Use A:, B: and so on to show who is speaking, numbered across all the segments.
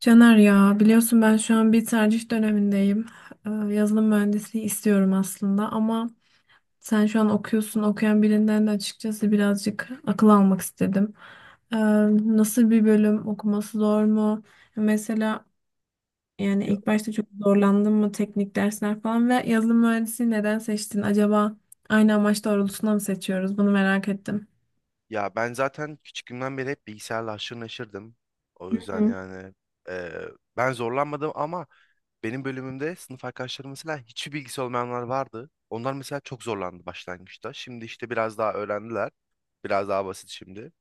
A: Caner, ya biliyorsun ben şu an bir tercih dönemindeyim. Yazılım mühendisliği istiyorum aslında, ama sen şu an okuyorsun. Okuyan birinden de açıkçası birazcık akıl almak istedim. Ee, Nasıl bir bölüm, okuması zor mu? Mesela yani
B: Ya,
A: ilk başta çok zorlandın mı teknik dersler falan ve yazılım mühendisliği neden seçtin? Acaba aynı amaç doğrultusunda mı seçiyoruz? Bunu merak ettim.
B: ya, ben zaten küçüklüğümden beri hep bilgisayarla haşır neşirdim. O yüzden yani eee, ben zorlanmadım ama benim bölümümde sınıf arkadaşlarım mesela hiçbir bilgisi olmayanlar vardı. Onlar mesela çok zorlandı başlangıçta. Şimdi işte biraz daha öğrendiler. Biraz daha basit şimdi.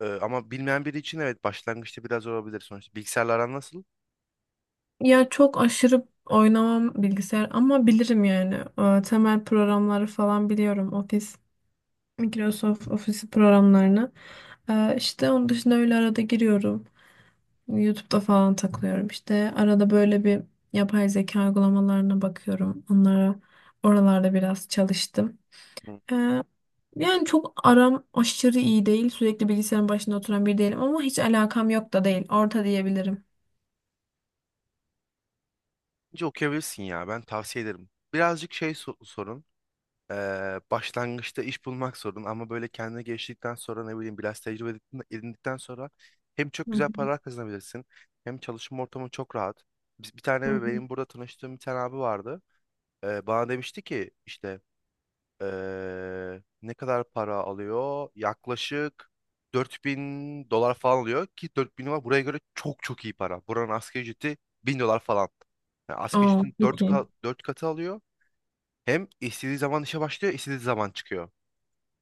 B: Ama bilmeyen biri için evet başlangıçta biraz zor olabilir sonuçta. Bilgisayarla aran nasıl?
A: Ya çok aşırı oynamam bilgisayar ama bilirim yani. Temel programları falan biliyorum. Office, Microsoft Office programlarını. İşte onun dışında öyle arada giriyorum. YouTube'da falan takılıyorum. İşte arada böyle bir yapay zeka uygulamalarına bakıyorum. Onlara oralarda biraz çalıştım.
B: Hı.
A: Ee, yani çok aram aşırı iyi değil. Sürekli bilgisayarın başında oturan biri değilim ama hiç alakam yok da değil. Orta diyebilirim.
B: Bence okuyabilirsin ya, ben tavsiye ederim. Birazcık şey sorun. Başlangıçta iş bulmak sorun ama böyle kendine geliştirdikten sonra ne bileyim biraz tecrübe edindikten sonra hem çok
A: Hı
B: güzel
A: hı,
B: paralar kazanabilirsin hem çalışma ortamı çok rahat. Biz bir
A: hı
B: tane
A: hı.
B: benim burada tanıştığım bir tane abi vardı. Bana demişti ki işte ne kadar para alıyor? Yaklaşık 4.000 dolar falan alıyor ki 4.000 dolar buraya göre çok çok iyi para. Buranın asgari ücreti 1.000 dolar falan. Yani asgari
A: Oo,
B: ücretin
A: çok iyi.
B: 4 katı alıyor. Hem istediği zaman işe başlıyor, istediği zaman çıkıyor.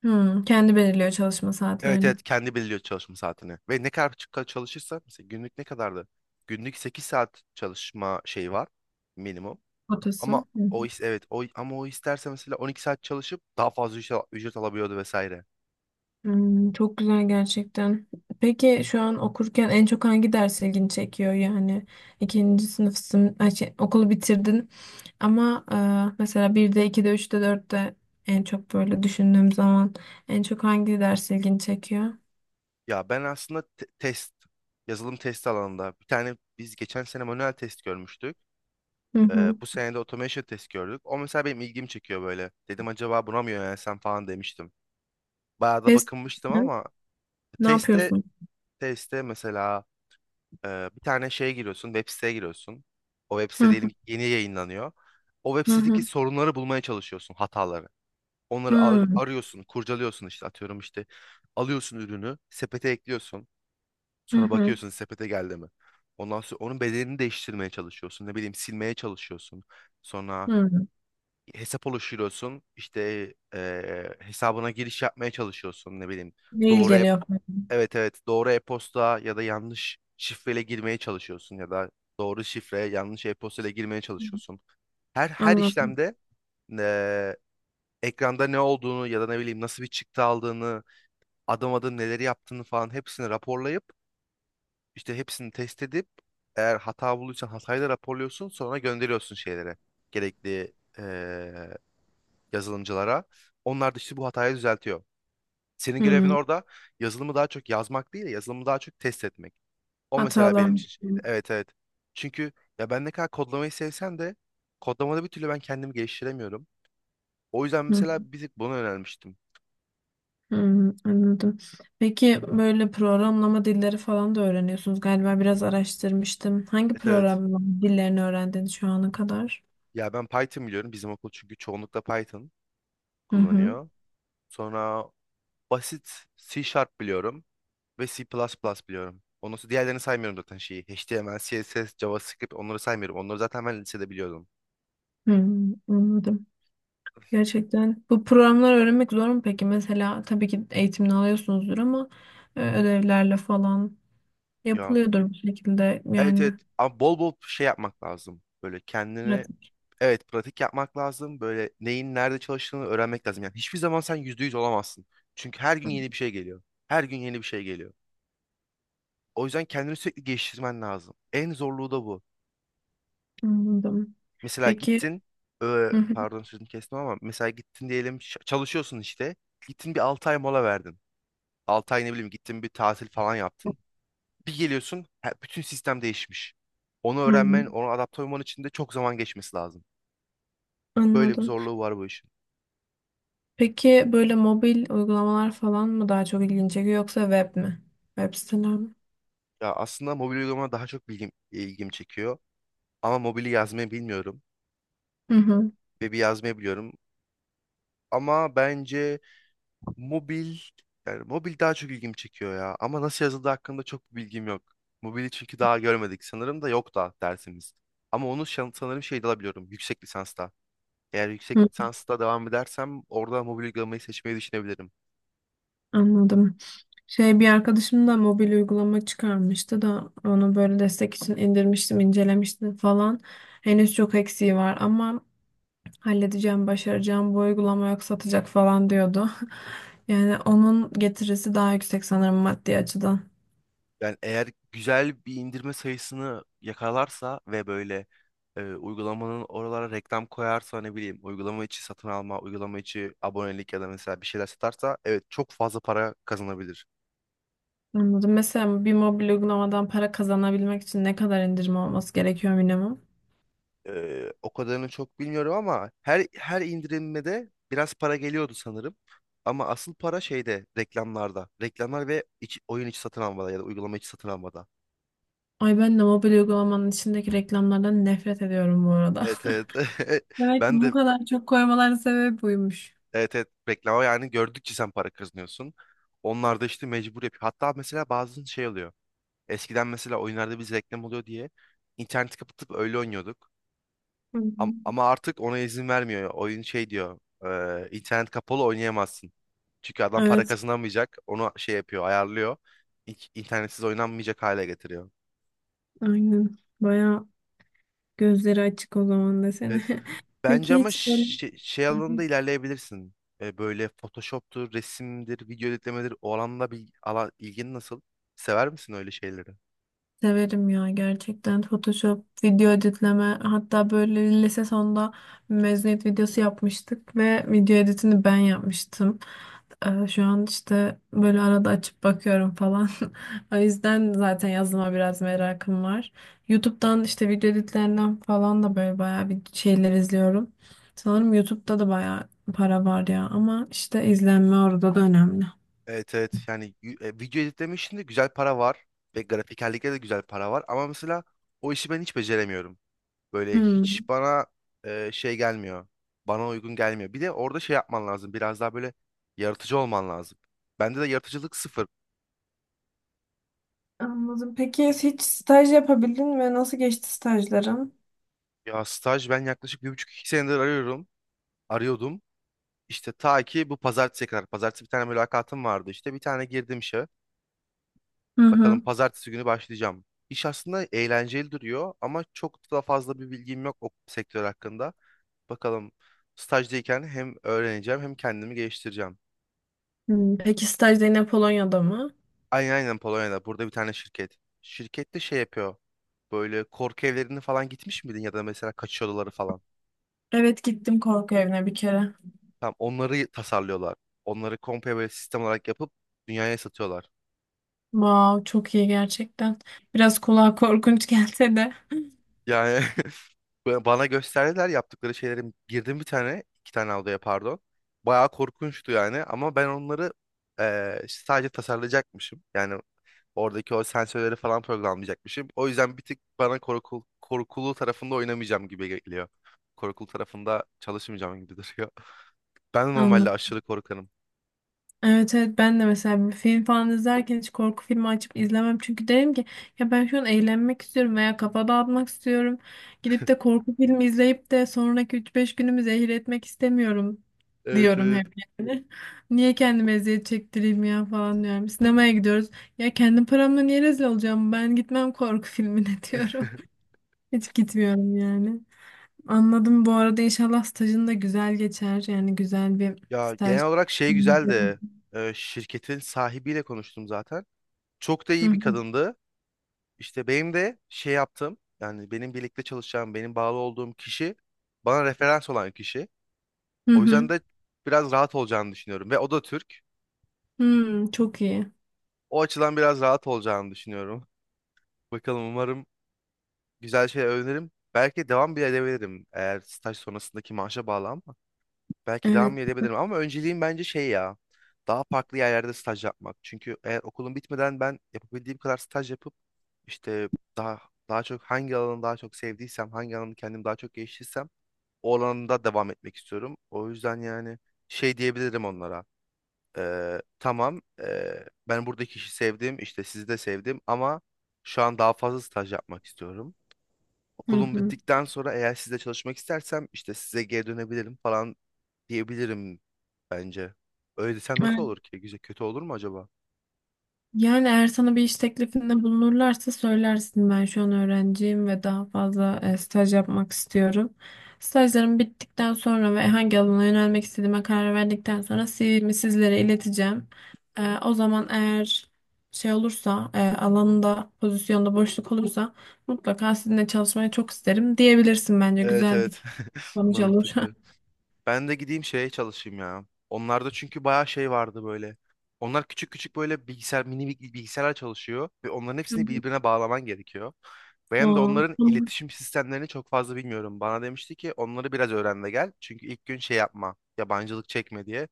A: Hı, kendi belirliyor çalışma
B: Evet,
A: saatlerini.
B: evet, kendi belirliyor çalışma saatini. Ve ne kadar çalışırsa mesela günlük ne kadardı? Günlük 8 saat çalışma şeyi var minimum.
A: Kotası. Hı
B: Ama
A: hı.
B: o is evet, o isterse mesela 12 saat çalışıp daha fazla ücret alabiliyordu vesaire.
A: Hmm, çok güzel gerçekten. Peki şu an okurken en çok hangi ders ilgini çekiyor? Yani ikinci sınıfsın, ay şey, okulu bitirdin ama mesela 1'de, 2'de, üçte, dörtte en çok böyle düşündüğüm zaman en çok hangi ders ilgini çekiyor?
B: Ya ben aslında test yazılım test alanında bir tane biz geçen sene manuel test görmüştük.
A: Hı
B: Ee,
A: hı.
B: bu sene de automation test gördük. O mesela benim ilgimi çekiyor böyle. Dedim acaba buna mı yönelsem falan demiştim. Bayağı da
A: Test
B: bakınmıştım
A: mi?
B: ama
A: Ne
B: testte
A: yapıyorsun?
B: testte mesela bir tane şeye giriyorsun, web siteye giriyorsun. O web
A: Hı
B: site diyelim
A: hı,
B: ki yeni yayınlanıyor. O web
A: hı
B: sitedeki
A: hı,
B: sorunları bulmaya çalışıyorsun, hataları. Onları
A: hı
B: arıyorsun, kurcalıyorsun işte, atıyorum işte. Alıyorsun ürünü, sepete ekliyorsun.
A: hı,
B: Sonra
A: hı.
B: bakıyorsun sepete geldi mi? Ondan sonra onun bedelini değiştirmeye çalışıyorsun. Ne bileyim silmeye çalışıyorsun. Sonra
A: Hı.
B: hesap oluşturuyorsun. İşte hesabına giriş yapmaya çalışıyorsun. Ne bileyim
A: Mail
B: doğru
A: geliyor.
B: evet, evet, doğru e-posta ya da yanlış şifreyle girmeye çalışıyorsun ya da doğru şifre yanlış e-posta ile girmeye çalışıyorsun. Her
A: Anladım.
B: işlemde eee, ekranda ne olduğunu ya da ne bileyim nasıl bir çıktı aldığını, adım adım neleri yaptığını falan hepsini raporlayıp işte hepsini test edip, eğer hata bulduysan hatayı da raporluyorsun, sonra gönderiyorsun şeylere, gerekli eee, yazılımcılara. Onlar da işte bu hatayı düzeltiyor. Senin görevin
A: Hmm,
B: orada yazılımı daha çok yazmak değil de yazılımı daha çok test etmek. O mesela
A: hatalar.
B: benim için şeydi.
A: Hmm.
B: Evet, evet. Çünkü ya ben ne kadar kodlamayı sevsem de kodlamada bir türlü ben kendimi geliştiremiyorum. O yüzden mesela bir tık buna yönelmiştim.
A: Hmm, anladım. Peki böyle programlama dilleri falan da öğreniyorsunuz galiba, biraz araştırmıştım. Hangi
B: Evet, evet.
A: programlama dillerini öğrendin şu ana kadar?
B: Ya ben Python biliyorum. Bizim okul çünkü çoğunlukla Python
A: Hı hı.
B: kullanıyor. Sonra basit C Sharp biliyorum ve C++ biliyorum. Ondan sonra diğerlerini saymıyorum zaten şeyi. HTML, CSS, JavaScript onları saymıyorum. Onları zaten ben lisede biliyordum.
A: Hmm, anladım. Gerçekten bu programları öğrenmek zor mu peki? Mesela tabii ki eğitimini alıyorsunuzdur ama ödevlerle falan
B: Ya,
A: yapılıyordur bir şekilde
B: evet, evet.
A: yani
B: Ama bol bol şey yapmak lazım. Böyle kendini.
A: pratik.
B: Evet, pratik yapmak lazım. Böyle neyin nerede çalıştığını öğrenmek lazım. Yani hiçbir zaman sen %100 olamazsın. Çünkü her gün yeni bir şey geliyor. Her gün yeni bir şey geliyor. O yüzden kendini sürekli geliştirmen lazım. En zorluğu da bu.
A: Anladım.
B: Mesela
A: Peki.
B: gittin,
A: Hı hı.
B: pardon sözünü kestim ama mesela gittin diyelim çalışıyorsun işte. Gittin bir 6 ay mola verdin. 6 ay ne bileyim gittin bir tatil falan yaptın. Bir geliyorsun, bütün sistem değişmiş. Onu
A: Hı,
B: öğrenmen, onu adapte olman için de çok zaman geçmesi lazım. Böyle bir
A: anladım.
B: zorluğu var bu işin.
A: Peki böyle mobil uygulamalar falan mı daha çok ilgini çekiyor, yoksa web mi? Web siteler mi?
B: Ya aslında mobil uygulama daha çok bilgim, ilgim çekiyor. Ama mobili yazmayı bilmiyorum.
A: Hı hı.
B: Web'i yazmayı biliyorum. Ama bence mobil, yani mobil daha çok ilgim çekiyor ya. Ama nasıl yazıldığı hakkında çok bir bilgim yok. Mobili çünkü daha görmedik. Sanırım da yok da dersimiz. Ama onu sanırım şeyde alabiliyorum. Yüksek lisansta. Eğer
A: Hı,
B: yüksek lisansta devam edersem orada mobil uygulamayı seçmeyi düşünebilirim.
A: anladım. Şey, bir arkadaşım da mobil uygulama çıkarmıştı da onu böyle destek için indirmiştim, incelemiştim falan. Henüz çok eksiği var ama halledeceğim, başaracağım. Bu uygulama yok satacak falan diyordu. Yani onun getirisi daha yüksek sanırım maddi açıdan.
B: Yani eğer güzel bir indirme sayısını yakalarsa ve böyle uygulamanın oralara reklam koyarsa ne bileyim uygulama içi satın alma, uygulama içi abonelik ya da mesela bir şeyler satarsa evet çok fazla para kazanabilir.
A: Anladım. Mesela bir mobil uygulamadan para kazanabilmek için ne kadar indirim olması gerekiyor minimum?
B: O kadarını çok bilmiyorum ama her indirilmede biraz para geliyordu sanırım. Ama asıl para şeyde, reklamlarda. Reklamlar ve oyun içi satın almada ya da uygulama içi satın almada.
A: Ay, ben de mobil uygulamanın içindeki reklamlardan nefret ediyorum bu arada.
B: Evet, evet.
A: Belki
B: Ben
A: bu
B: de.
A: kadar çok koymaların sebebi buymuş.
B: Evet, evet, reklama yani gördükçe sen para kazanıyorsun. Onlar da işte mecbur yapıyor. Hatta mesela bazen şey oluyor. Eskiden mesela oyunlarda biz reklam oluyor diye interneti kapatıp öyle oynuyorduk.
A: Hı hı.
B: Ama artık ona izin vermiyor. Oyun şey diyor. İnternet kapalı oynayamazsın. Çünkü adam para
A: Evet,
B: kazanamayacak. Onu şey yapıyor, ayarlıyor. İnternetsiz oynanmayacak hale getiriyor.
A: aynen. Baya gözleri açık o zaman desene.
B: Evet. Bence
A: Peki
B: ama
A: hiç böyle...
B: şey, şey
A: Hı
B: alanında
A: hı.
B: ilerleyebilirsin. Böyle Photoshop'tur, resimdir, video editlemedir. O alanda ilgin nasıl? Sever misin öyle şeyleri?
A: Severim ya, gerçekten Photoshop, video editleme, hatta böyle lise sonunda mezuniyet videosu yapmıştık ve video editini ben yapmıştım. Şu an işte böyle arada açıp bakıyorum falan. O yüzden zaten yazılıma biraz merakım var. YouTube'dan işte video editlerinden falan da böyle bayağı bir şeyler izliyorum. Sanırım YouTube'da da bayağı para var ya, ama işte izlenme orada da önemli.
B: Evet, evet, yani video editleme işinde güzel para var ve grafikerlikte de güzel para var ama mesela o işi ben hiç beceremiyorum. Böyle hiç
A: Hmm.
B: bana şey gelmiyor. Bana uygun gelmiyor. Bir de orada şey yapman lazım. Biraz daha böyle yaratıcı olman lazım. Bende de yaratıcılık sıfır.
A: Anladım. Peki hiç staj yapabildin ve nasıl geçti stajların?
B: Ya staj ben yaklaşık bir buçuk iki senedir arıyorum. Arıyordum. İşte ta ki bu pazartesiye kadar. Pazartesi bir tane mülakatım vardı işte. Bir tane girdim işe.
A: Hı
B: Bakalım
A: hı.
B: pazartesi günü başlayacağım. İş aslında eğlenceli duruyor ama çok da fazla bir bilgim yok o sektör hakkında. Bakalım stajdayken hem öğreneceğim hem kendimi geliştireceğim.
A: Hmm, peki staj da yine Polonya'da mı?
B: Aynen Polonya'da. Burada bir tane şirket. Şirket de şey yapıyor. Böyle korku evlerine falan gitmiş miydin ya da mesela kaçış odaları falan.
A: Evet, gittim korku evine bir kere.
B: Tam onları tasarlıyorlar. Onları komple böyle sistem olarak yapıp dünyaya satıyorlar.
A: Wow, çok iyi gerçekten. Biraz kulağa korkunç gelse de.
B: Yani Bana gösterdiler yaptıkları şeyleri, girdim 1-2 tane odaya, pardon. Bayağı korkunçtu yani ama ben onları işte sadece tasarlayacakmışım. Yani oradaki o sensörleri falan programlayacakmışım. O yüzden bir tık bana korkulu tarafında oynamayacağım gibi geliyor. Korkulu tarafında çalışmayacağım gibi duruyor. Ben de normalde
A: Anladım.
B: aşırı korkarım.
A: Evet evet, ben de mesela bir film falan izlerken hiç korku filmi açıp izlemem. Çünkü derim ki ya ben şu an eğlenmek istiyorum veya kafa dağıtmak istiyorum. Gidip de korku filmi izleyip de sonraki üç beş günümü zehir etmek istemiyorum
B: Evet,
A: diyorum
B: evet.
A: hep yani. Niye kendime eziyet çektireyim ya falan diyorum. Sinemaya gidiyoruz. Ya kendim paramla niye rezil olacağım? Ben gitmem korku filmine diyorum. Hiç gitmiyorum yani. Anladım. Bu arada inşallah stajın da güzel geçer. Yani güzel bir
B: Ya
A: staj.
B: genel olarak şey
A: Hı
B: güzeldi. Şirketin sahibiyle konuştum zaten. Çok da iyi
A: hı.
B: bir kadındı. İşte benim de şey yaptığım yani benim birlikte çalışacağım, benim bağlı olduğum kişi bana referans olan kişi.
A: Hı
B: O yüzden
A: hı.
B: de biraz rahat olacağını düşünüyorum ve o da Türk.
A: Hmm, çok iyi.
B: O açıdan biraz rahat olacağını düşünüyorum. Bakalım, umarım güzel şey öğrenirim. Belki devam bile edebilirim, eğer staj sonrasındaki maaşa bağlı ama. Belki devam
A: Evet.
B: bile edebilirim ama önceliğim bence şey ya. Daha farklı yerlerde staj yapmak. Çünkü eğer okulum bitmeden ben yapabildiğim kadar staj yapıp işte daha daha çok hangi alanı daha çok sevdiysem, hangi alanı kendim daha çok geliştirsem o alanda devam etmek istiyorum. O yüzden yani şey diyebilirim onlara. Tamam, ben buradaki işi sevdim işte, sizi de sevdim ama şu an daha fazla staj yapmak istiyorum.
A: Hı
B: Okulum
A: hı.
B: bittikten sonra eğer sizle çalışmak istersem işte size geri dönebilirim falan diyebilirim bence. Öyle desem nasıl
A: Evet.
B: olur ki? Güzel kötü olur mu acaba?
A: Yani eğer sana bir iş teklifinde bulunurlarsa söylersin, ben şu an öğrenciyim ve daha fazla staj yapmak istiyorum. Stajlarım bittikten sonra ve hangi alana yönelmek istediğime karar verdikten sonra CV'mi sizlere ileteceğim. O zaman eğer şey olursa, alanında pozisyonda boşluk olursa mutlaka sizinle çalışmayı çok isterim diyebilirsin, bence
B: Evet,
A: güzel bir
B: evet,
A: sonuç olur.
B: mantıklı. Ben de gideyim şeye çalışayım ya. Onlarda çünkü bayağı şey vardı böyle. Onlar küçük küçük böyle bilgisayar, mini bilgisayarlar çalışıyor ve onların
A: Hı
B: hepsini
A: hı.
B: birbirine bağlaman gerekiyor. Ben de
A: Aa,
B: onların
A: tamam.
B: iletişim sistemlerini çok fazla bilmiyorum. Bana demişti ki onları biraz öğren de gel. Çünkü ilk gün şey yapma, yabancılık çekme diye.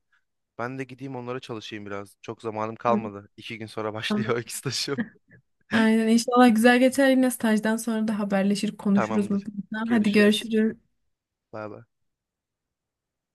B: Ben de gideyim onlara çalışayım biraz. Çok zamanım kalmadı. İki gün sonra
A: Tamam.
B: başlıyor iki stajım.
A: Aynen, inşallah güzel geçer, yine stajdan sonra da haberleşir konuşuruz
B: Tamamdır.
A: mutlaka. Hadi
B: Görüşürüz.
A: görüşürüz.
B: Bay bay.